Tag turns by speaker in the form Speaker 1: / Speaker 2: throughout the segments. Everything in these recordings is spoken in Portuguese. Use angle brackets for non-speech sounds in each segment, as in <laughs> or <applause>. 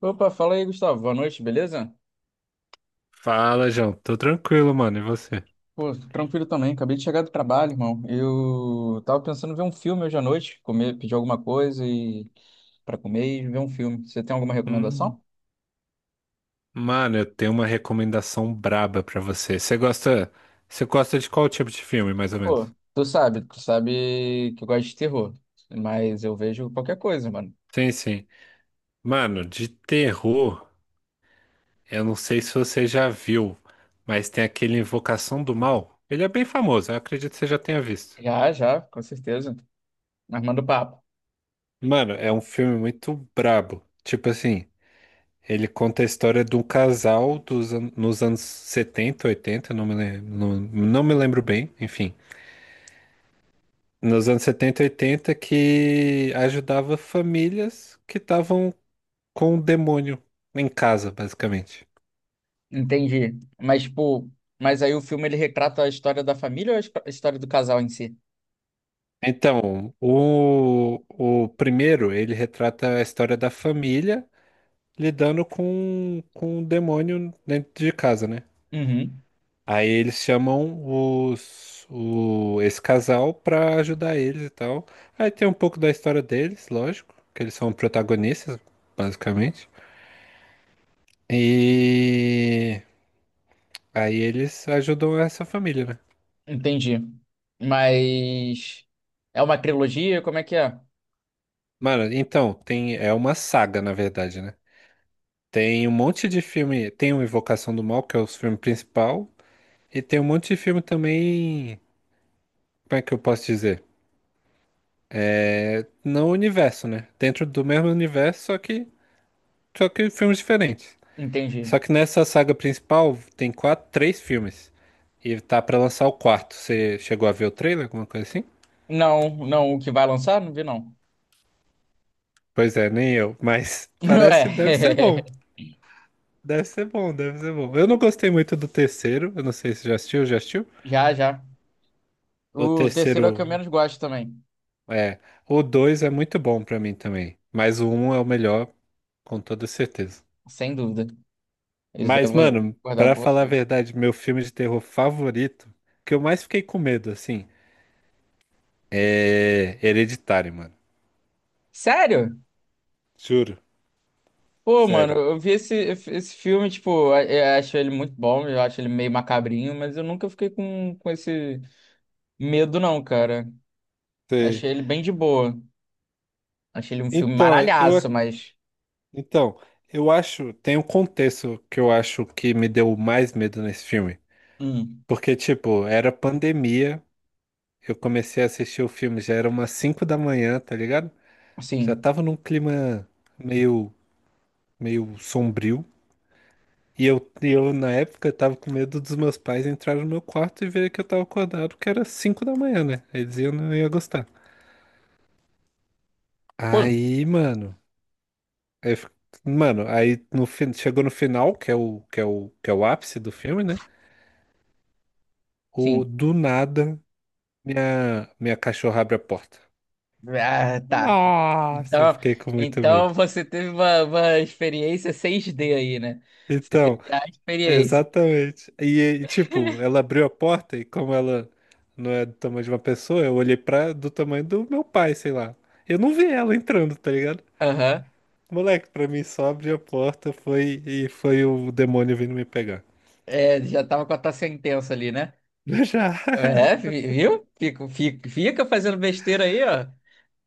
Speaker 1: Opa, fala aí, Gustavo. Boa noite, beleza?
Speaker 2: Fala, João. Tô tranquilo, mano. E você?
Speaker 1: Pô, tranquilo também. Acabei de chegar do trabalho, irmão. Eu tava pensando em ver um filme hoje à noite, comer, pedir alguma coisa e para comer e ver um filme. Você tem alguma
Speaker 2: Hum.
Speaker 1: recomendação?
Speaker 2: Mano, eu tenho uma recomendação braba pra você. Você gosta de qual tipo de filme, mais ou menos?
Speaker 1: Pô, tu sabe que eu gosto de terror, mas eu vejo qualquer coisa, mano.
Speaker 2: Sim, sim. Mano, de terror, eu não sei se você já viu, mas tem aquele Invocação do Mal. Ele é bem famoso, eu acredito que você já tenha visto.
Speaker 1: Já, já, com certeza. Armando papo.
Speaker 2: Mano, é um filme muito brabo. Tipo assim, ele conta a história de um casal nos anos 70, 80. Não, não me lembro bem, enfim. Nos anos 70 e 80 que ajudava famílias que estavam com o demônio em casa, basicamente.
Speaker 1: Entendi. Mas, pô, mas aí o filme ele retrata a história da família ou a a história do casal em si?
Speaker 2: Então, o primeiro, ele retrata a história da família lidando com o demônio dentro de casa, né?
Speaker 1: Uhum.
Speaker 2: Aí eles chamam esse casal pra ajudar eles e tal. Aí tem um pouco da história deles, lógico, que eles são protagonistas, basicamente. E aí eles ajudam essa família, né?
Speaker 1: Entendi. Mas é uma trilogia? Como é que é?
Speaker 2: Mano, então, tem, é uma saga, na verdade, né? Tem um monte de filme. Tem o Invocação do Mal, que é o filme principal, e tem um monte de filme também. Como é que eu posso dizer? No universo, né? Dentro do mesmo universo, só que filmes diferentes.
Speaker 1: Entendi.
Speaker 2: Só que nessa saga principal tem quatro, três filmes. E tá pra lançar o quarto. Você chegou a ver o trailer, alguma coisa assim?
Speaker 1: Não, não, o que vai lançar? Não vi, não.
Speaker 2: Pois é, nem eu, mas <laughs>
Speaker 1: <laughs>
Speaker 2: parece, deve ser bom.
Speaker 1: Ué,
Speaker 2: Deve ser bom, deve ser bom. Eu não gostei muito do terceiro, eu não sei se já assistiu, já assistiu?
Speaker 1: <laughs> já, já.
Speaker 2: O
Speaker 1: O terceiro é o que eu
Speaker 2: terceiro
Speaker 1: menos gosto também,
Speaker 2: é, o dois é muito bom pra mim também, mas o um é o melhor com toda certeza.
Speaker 1: sem dúvida. Isso daí eu
Speaker 2: Mas
Speaker 1: vou
Speaker 2: mano,
Speaker 1: concordar
Speaker 2: pra
Speaker 1: com
Speaker 2: falar a
Speaker 1: você.
Speaker 2: verdade, meu filme de terror favorito, que eu mais fiquei com medo assim, é Hereditário, mano.
Speaker 1: Sério?
Speaker 2: Juro,
Speaker 1: Pô, mano,
Speaker 2: sério.
Speaker 1: esse filme, tipo, eu acho ele muito bom, eu acho ele meio macabrinho, mas eu nunca fiquei com esse medo, não, cara.
Speaker 2: Sei.
Speaker 1: Achei ele bem de boa. Achei ele um filme
Speaker 2: Então, eu
Speaker 1: maralhaço,
Speaker 2: ac-
Speaker 1: mas.
Speaker 2: então, eu acho, tem um contexto que eu acho que me deu mais medo nesse filme.
Speaker 1: Hum,
Speaker 2: Porque, tipo, era pandemia. Eu comecei a assistir o filme, já era umas 5 da manhã, tá ligado? Já
Speaker 1: sim.
Speaker 2: tava num clima meio, meio sombrio. E eu, na época, tava com medo dos meus pais entrarem no meu quarto e verem que eu tava acordado, que era 5 da manhã, né? Eles iam, não ia gostar.
Speaker 1: Pô.
Speaker 2: Aí, mano, aí fi- mano, aí no, fin- chegou no final, que é o, que é o, que é o ápice do filme, né?
Speaker 1: Sim.
Speaker 2: Do nada, minha cachorra abre a porta.
Speaker 1: Ah, tá.
Speaker 2: Nossa, eu
Speaker 1: Então,
Speaker 2: fiquei com muito
Speaker 1: então
Speaker 2: medo.
Speaker 1: você teve uma experiência 6D aí, né? Você
Speaker 2: Então,
Speaker 1: teve a experiência.
Speaker 2: exatamente. E, tipo, ela abriu a porta e como ela não é do tamanho de uma pessoa, eu olhei pra do tamanho do meu pai, sei lá. Eu não vi ela entrando, tá ligado?
Speaker 1: Aham.
Speaker 2: Moleque, pra mim só abriu a porta foi e foi o demônio vindo me pegar.
Speaker 1: É, já tava com a taça intensa ali, né?
Speaker 2: <laughs> Já.
Speaker 1: É, viu? Fica, fica, fica fazendo besteira aí, ó.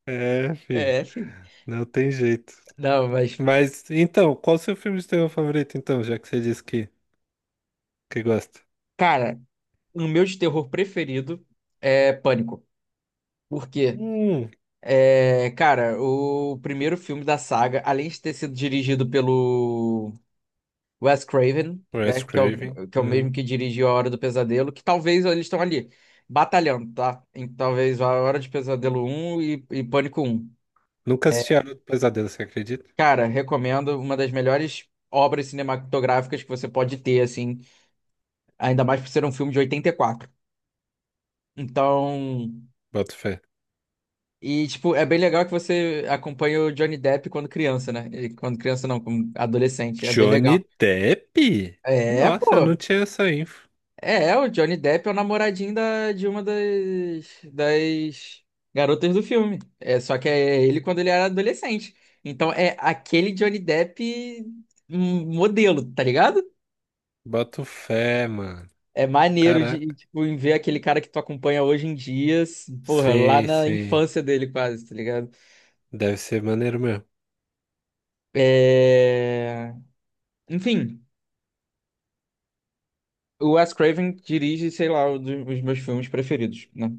Speaker 2: É,
Speaker 1: É, filho.
Speaker 2: não tem jeito.
Speaker 1: Não, mas,
Speaker 2: Mas então, qual o seu filme de terror favorito então, já que você disse que gosta?
Speaker 1: cara, o meu de terror preferido é Pânico. Por quê?
Speaker 2: Hum.
Speaker 1: É, cara, o primeiro filme da saga, além de ter sido dirigido pelo Wes Craven,
Speaker 2: Wes
Speaker 1: né?
Speaker 2: Craven.
Speaker 1: Que é o mesmo
Speaker 2: Uhum.
Speaker 1: que dirigiu A Hora do Pesadelo, que talvez eles estão ali batalhando, tá? Em, talvez A Hora de Pesadelo um e Pânico um.
Speaker 2: Nunca
Speaker 1: É,
Speaker 2: assisti a Hora do Pesadelo, você acredita?
Speaker 1: cara, recomendo uma das melhores obras cinematográficas que você pode ter, assim, ainda mais por ser um filme de 84. Então,
Speaker 2: Boto fé.
Speaker 1: e tipo, é bem legal que você acompanha o Johnny Depp quando criança, né? E quando criança não, como adolescente, é bem legal.
Speaker 2: Johnny Depp?
Speaker 1: É,
Speaker 2: Nossa, eu
Speaker 1: pô.
Speaker 2: não tinha essa info.
Speaker 1: É, é, o Johnny Depp é o namoradinho de uma das garotas do filme. É, só que é ele quando ele era adolescente. Então é aquele Johnny Depp modelo, tá ligado?
Speaker 2: Boto fé, mano.
Speaker 1: É maneiro de,
Speaker 2: Caraca.
Speaker 1: tipo, em ver aquele cara que tu acompanha hoje em dia, porra, lá
Speaker 2: Sim,
Speaker 1: na
Speaker 2: sim.
Speaker 1: infância dele quase, tá ligado?
Speaker 2: Deve ser maneiro mesmo.
Speaker 1: É... Enfim, o Wes Craven dirige, sei lá, um dos meus filmes preferidos, né?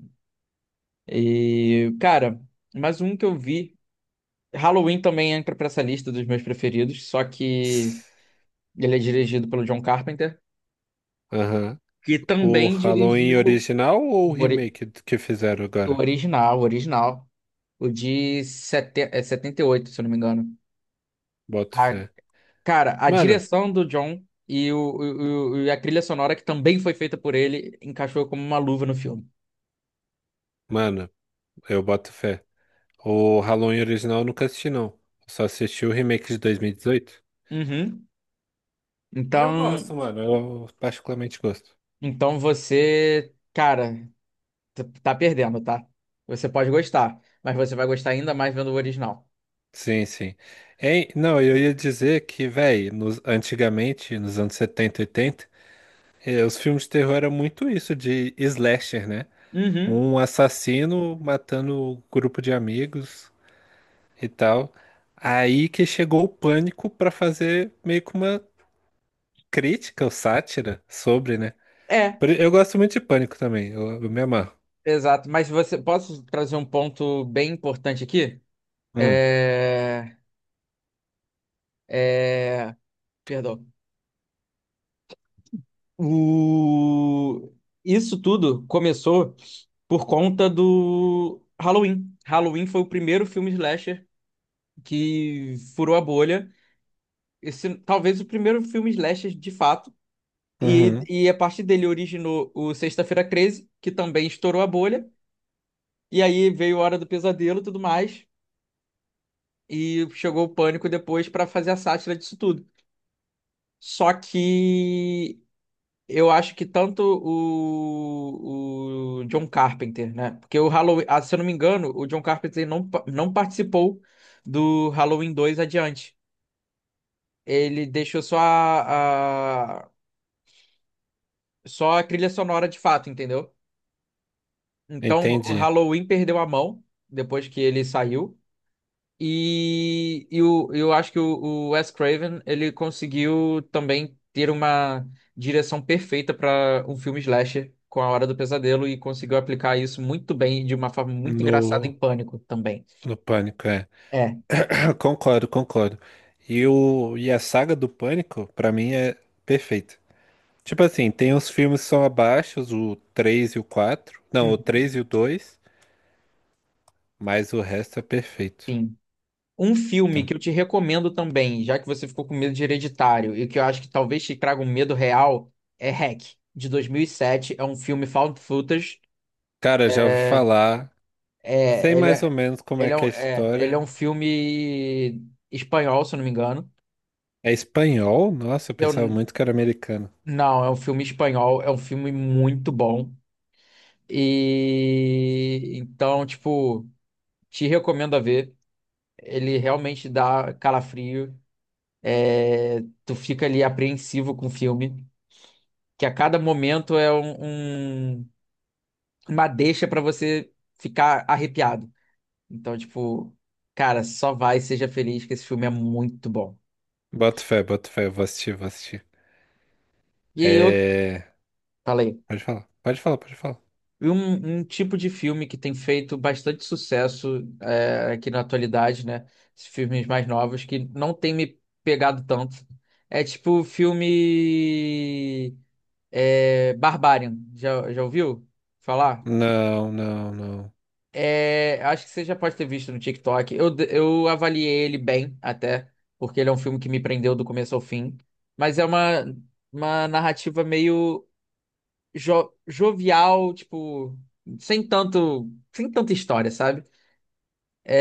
Speaker 1: E, cara, mais um que eu vi. Halloween também entra pra essa lista dos meus preferidos, só que ele é dirigido pelo John Carpenter,
Speaker 2: Aham.
Speaker 1: que
Speaker 2: O
Speaker 1: também dirigiu
Speaker 2: Halloween original ou o
Speaker 1: o, ori-
Speaker 2: remake do que fizeram
Speaker 1: o
Speaker 2: agora?
Speaker 1: original, o original, o de é, 78, se eu não me engano.
Speaker 2: Boto
Speaker 1: A,
Speaker 2: fé.
Speaker 1: cara, a
Speaker 2: Mano,
Speaker 1: direção do John e a trilha sonora, que também foi feita por ele, encaixou como uma luva no filme.
Speaker 2: mano, eu boto fé. O Halloween original eu nunca assisti, não. Eu só assisti o remake de 2018.
Speaker 1: Uhum.
Speaker 2: E eu
Speaker 1: Então,
Speaker 2: gosto, mano. Eu particularmente gosto.
Speaker 1: então você, cara, tá perdendo, tá? Você pode gostar, mas você vai gostar ainda mais vendo o original.
Speaker 2: Sim, sim. Hein? Não, eu ia dizer que, velho, antigamente, nos anos 70 80, os filmes de terror eram muito isso, de slasher, né?
Speaker 1: Uhum.
Speaker 2: Um assassino matando um grupo de amigos e tal. Aí que chegou o pânico pra fazer meio que uma crítica ou sátira sobre, né?
Speaker 1: É,
Speaker 2: Eu gosto muito de pânico também, eu me amarro.
Speaker 1: exato, mas você posso trazer um ponto bem importante aqui?
Speaker 2: Hum,
Speaker 1: É, é, perdão. O, isso tudo começou por conta do Halloween. Halloween foi o primeiro filme slasher que furou a bolha. Esse, talvez o primeiro filme slasher de fato.
Speaker 2: uhum,
Speaker 1: E a partir dele originou o Sexta-feira 13, que também estourou a bolha. E aí veio a Hora do Pesadelo e tudo mais. E chegou o Pânico depois pra fazer a sátira disso tudo. Só que eu acho que tanto o John Carpenter, né? Porque o Halloween, ah, se eu não me engano, o John Carpenter não, não participou do Halloween 2 adiante. Ele deixou só a trilha sonora de fato, entendeu? Então o
Speaker 2: entendi.
Speaker 1: Halloween perdeu a mão depois que ele saiu. Eu acho que o Wes Craven ele conseguiu também ter uma direção perfeita para um filme slasher com A Hora do Pesadelo e conseguiu aplicar isso muito bem, de uma forma muito engraçada em
Speaker 2: No,
Speaker 1: Pânico também.
Speaker 2: no pânico, é.
Speaker 1: É,
Speaker 2: Concordo, concordo. E a saga do Pânico, pra mim, é perfeita. Tipo assim, tem uns filmes que são abaixo, o 3 e o 4, não, o
Speaker 1: uhum,
Speaker 2: 3 e o 2, mas o resto é perfeito.
Speaker 1: sim. Um filme
Speaker 2: Então,
Speaker 1: que eu te recomendo também, já que você ficou com medo de Hereditário e que eu acho que talvez te traga um medo real, é Hack, de 2007. É um filme found footage.
Speaker 2: cara, já ouvi
Speaker 1: é,
Speaker 2: falar, sei
Speaker 1: É, ele
Speaker 2: mais ou
Speaker 1: é,
Speaker 2: menos como é
Speaker 1: ele é,
Speaker 2: que é a
Speaker 1: ele é
Speaker 2: história.
Speaker 1: um filme espanhol, se eu não me engano.
Speaker 2: É espanhol? Nossa, eu
Speaker 1: Eu,
Speaker 2: pensava muito que era americano.
Speaker 1: não, é um filme espanhol, é um filme muito bom. E então, tipo, te recomendo a ver. Ele realmente dá calafrio. É, tu fica ali apreensivo com o filme, que a cada momento é uma deixa pra você ficar arrepiado. Então, tipo, cara, só vai, seja feliz, que esse filme é muito bom.
Speaker 2: Bota fé, eu vou assistir, vou assistir.
Speaker 1: E eu
Speaker 2: É.
Speaker 1: falei.
Speaker 2: Pode falar, pode falar, pode falar.
Speaker 1: E um tipo de filme que tem feito bastante sucesso é, aqui na atualidade, né? Esses filmes mais novos que não tem me pegado tanto. É tipo o filme é, Barbarian. Já, já ouviu falar?
Speaker 2: Não, não, não.
Speaker 1: É, acho que você já pode ter visto no TikTok. Eu avaliei ele bem até, porque ele é um filme que me prendeu do começo ao fim. Mas é uma narrativa meio jovial, tipo, sem tanta história, sabe?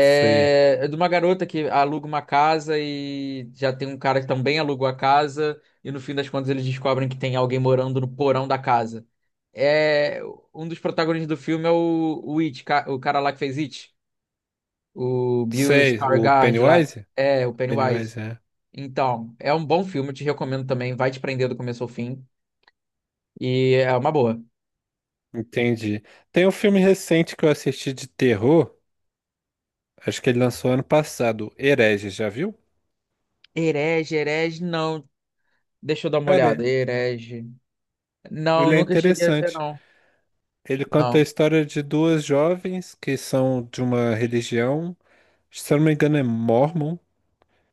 Speaker 2: Sei.
Speaker 1: é de uma garota que aluga uma casa e já tem um cara que também alugou a casa, e no fim das contas eles descobrem que tem alguém morando no porão da casa. É, um dos protagonistas do filme é o It, o cara lá que fez It, o Bill
Speaker 2: Sei, o
Speaker 1: Skarsgård lá,
Speaker 2: Pennywise?
Speaker 1: é, o
Speaker 2: Pennywise,
Speaker 1: Pennywise.
Speaker 2: é.
Speaker 1: Então, é um bom filme, eu te recomendo também, vai te prender do começo ao fim, e é uma boa.
Speaker 2: Entendi. Tem um filme recente que eu assisti de terror, acho que ele lançou ano passado, Herege, já viu?
Speaker 1: Herege, não. Deixa eu dar uma
Speaker 2: Cara,
Speaker 1: olhada. Herege. Não,
Speaker 2: ele é
Speaker 1: nunca cheguei a ver,
Speaker 2: interessante.
Speaker 1: não.
Speaker 2: Ele conta a
Speaker 1: Não.
Speaker 2: história de duas jovens que são de uma religião, se eu não me engano é Mormon,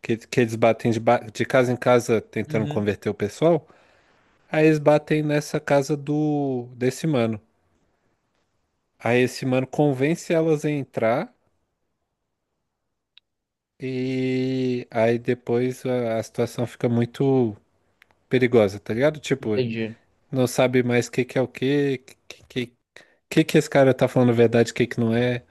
Speaker 2: que eles batem de casa em casa tentando
Speaker 1: Uhum.
Speaker 2: converter o pessoal. Aí eles batem nessa casa do desse mano. Aí esse mano convence elas a entrar e aí depois a situação fica muito perigosa, tá ligado? Tipo,
Speaker 1: Entendi.
Speaker 2: não sabe mais o que que é o que, que esse cara tá falando a verdade, o que que não é.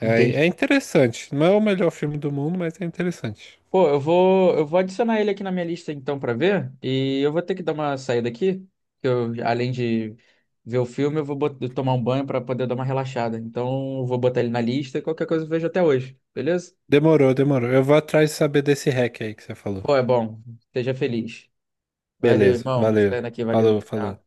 Speaker 2: É, é
Speaker 1: Entendi.
Speaker 2: interessante. Não é o melhor filme do mundo, mas é interessante.
Speaker 1: Pô, eu vou adicionar ele aqui na minha lista então pra ver. E eu vou ter que dar uma saída aqui. Que eu, além de ver o filme, eu vou tomar um banho pra poder dar uma relaxada. Então, eu vou botar ele na lista e qualquer coisa eu vejo até hoje. Beleza?
Speaker 2: Demorou, demorou. Eu vou atrás de saber desse hack aí que você falou.
Speaker 1: Pô, é bom. Esteja feliz. Valeu,
Speaker 2: Beleza,
Speaker 1: irmão.
Speaker 2: valeu.
Speaker 1: Saindo aqui, valeu.
Speaker 2: Falou, falou.
Speaker 1: Tchau.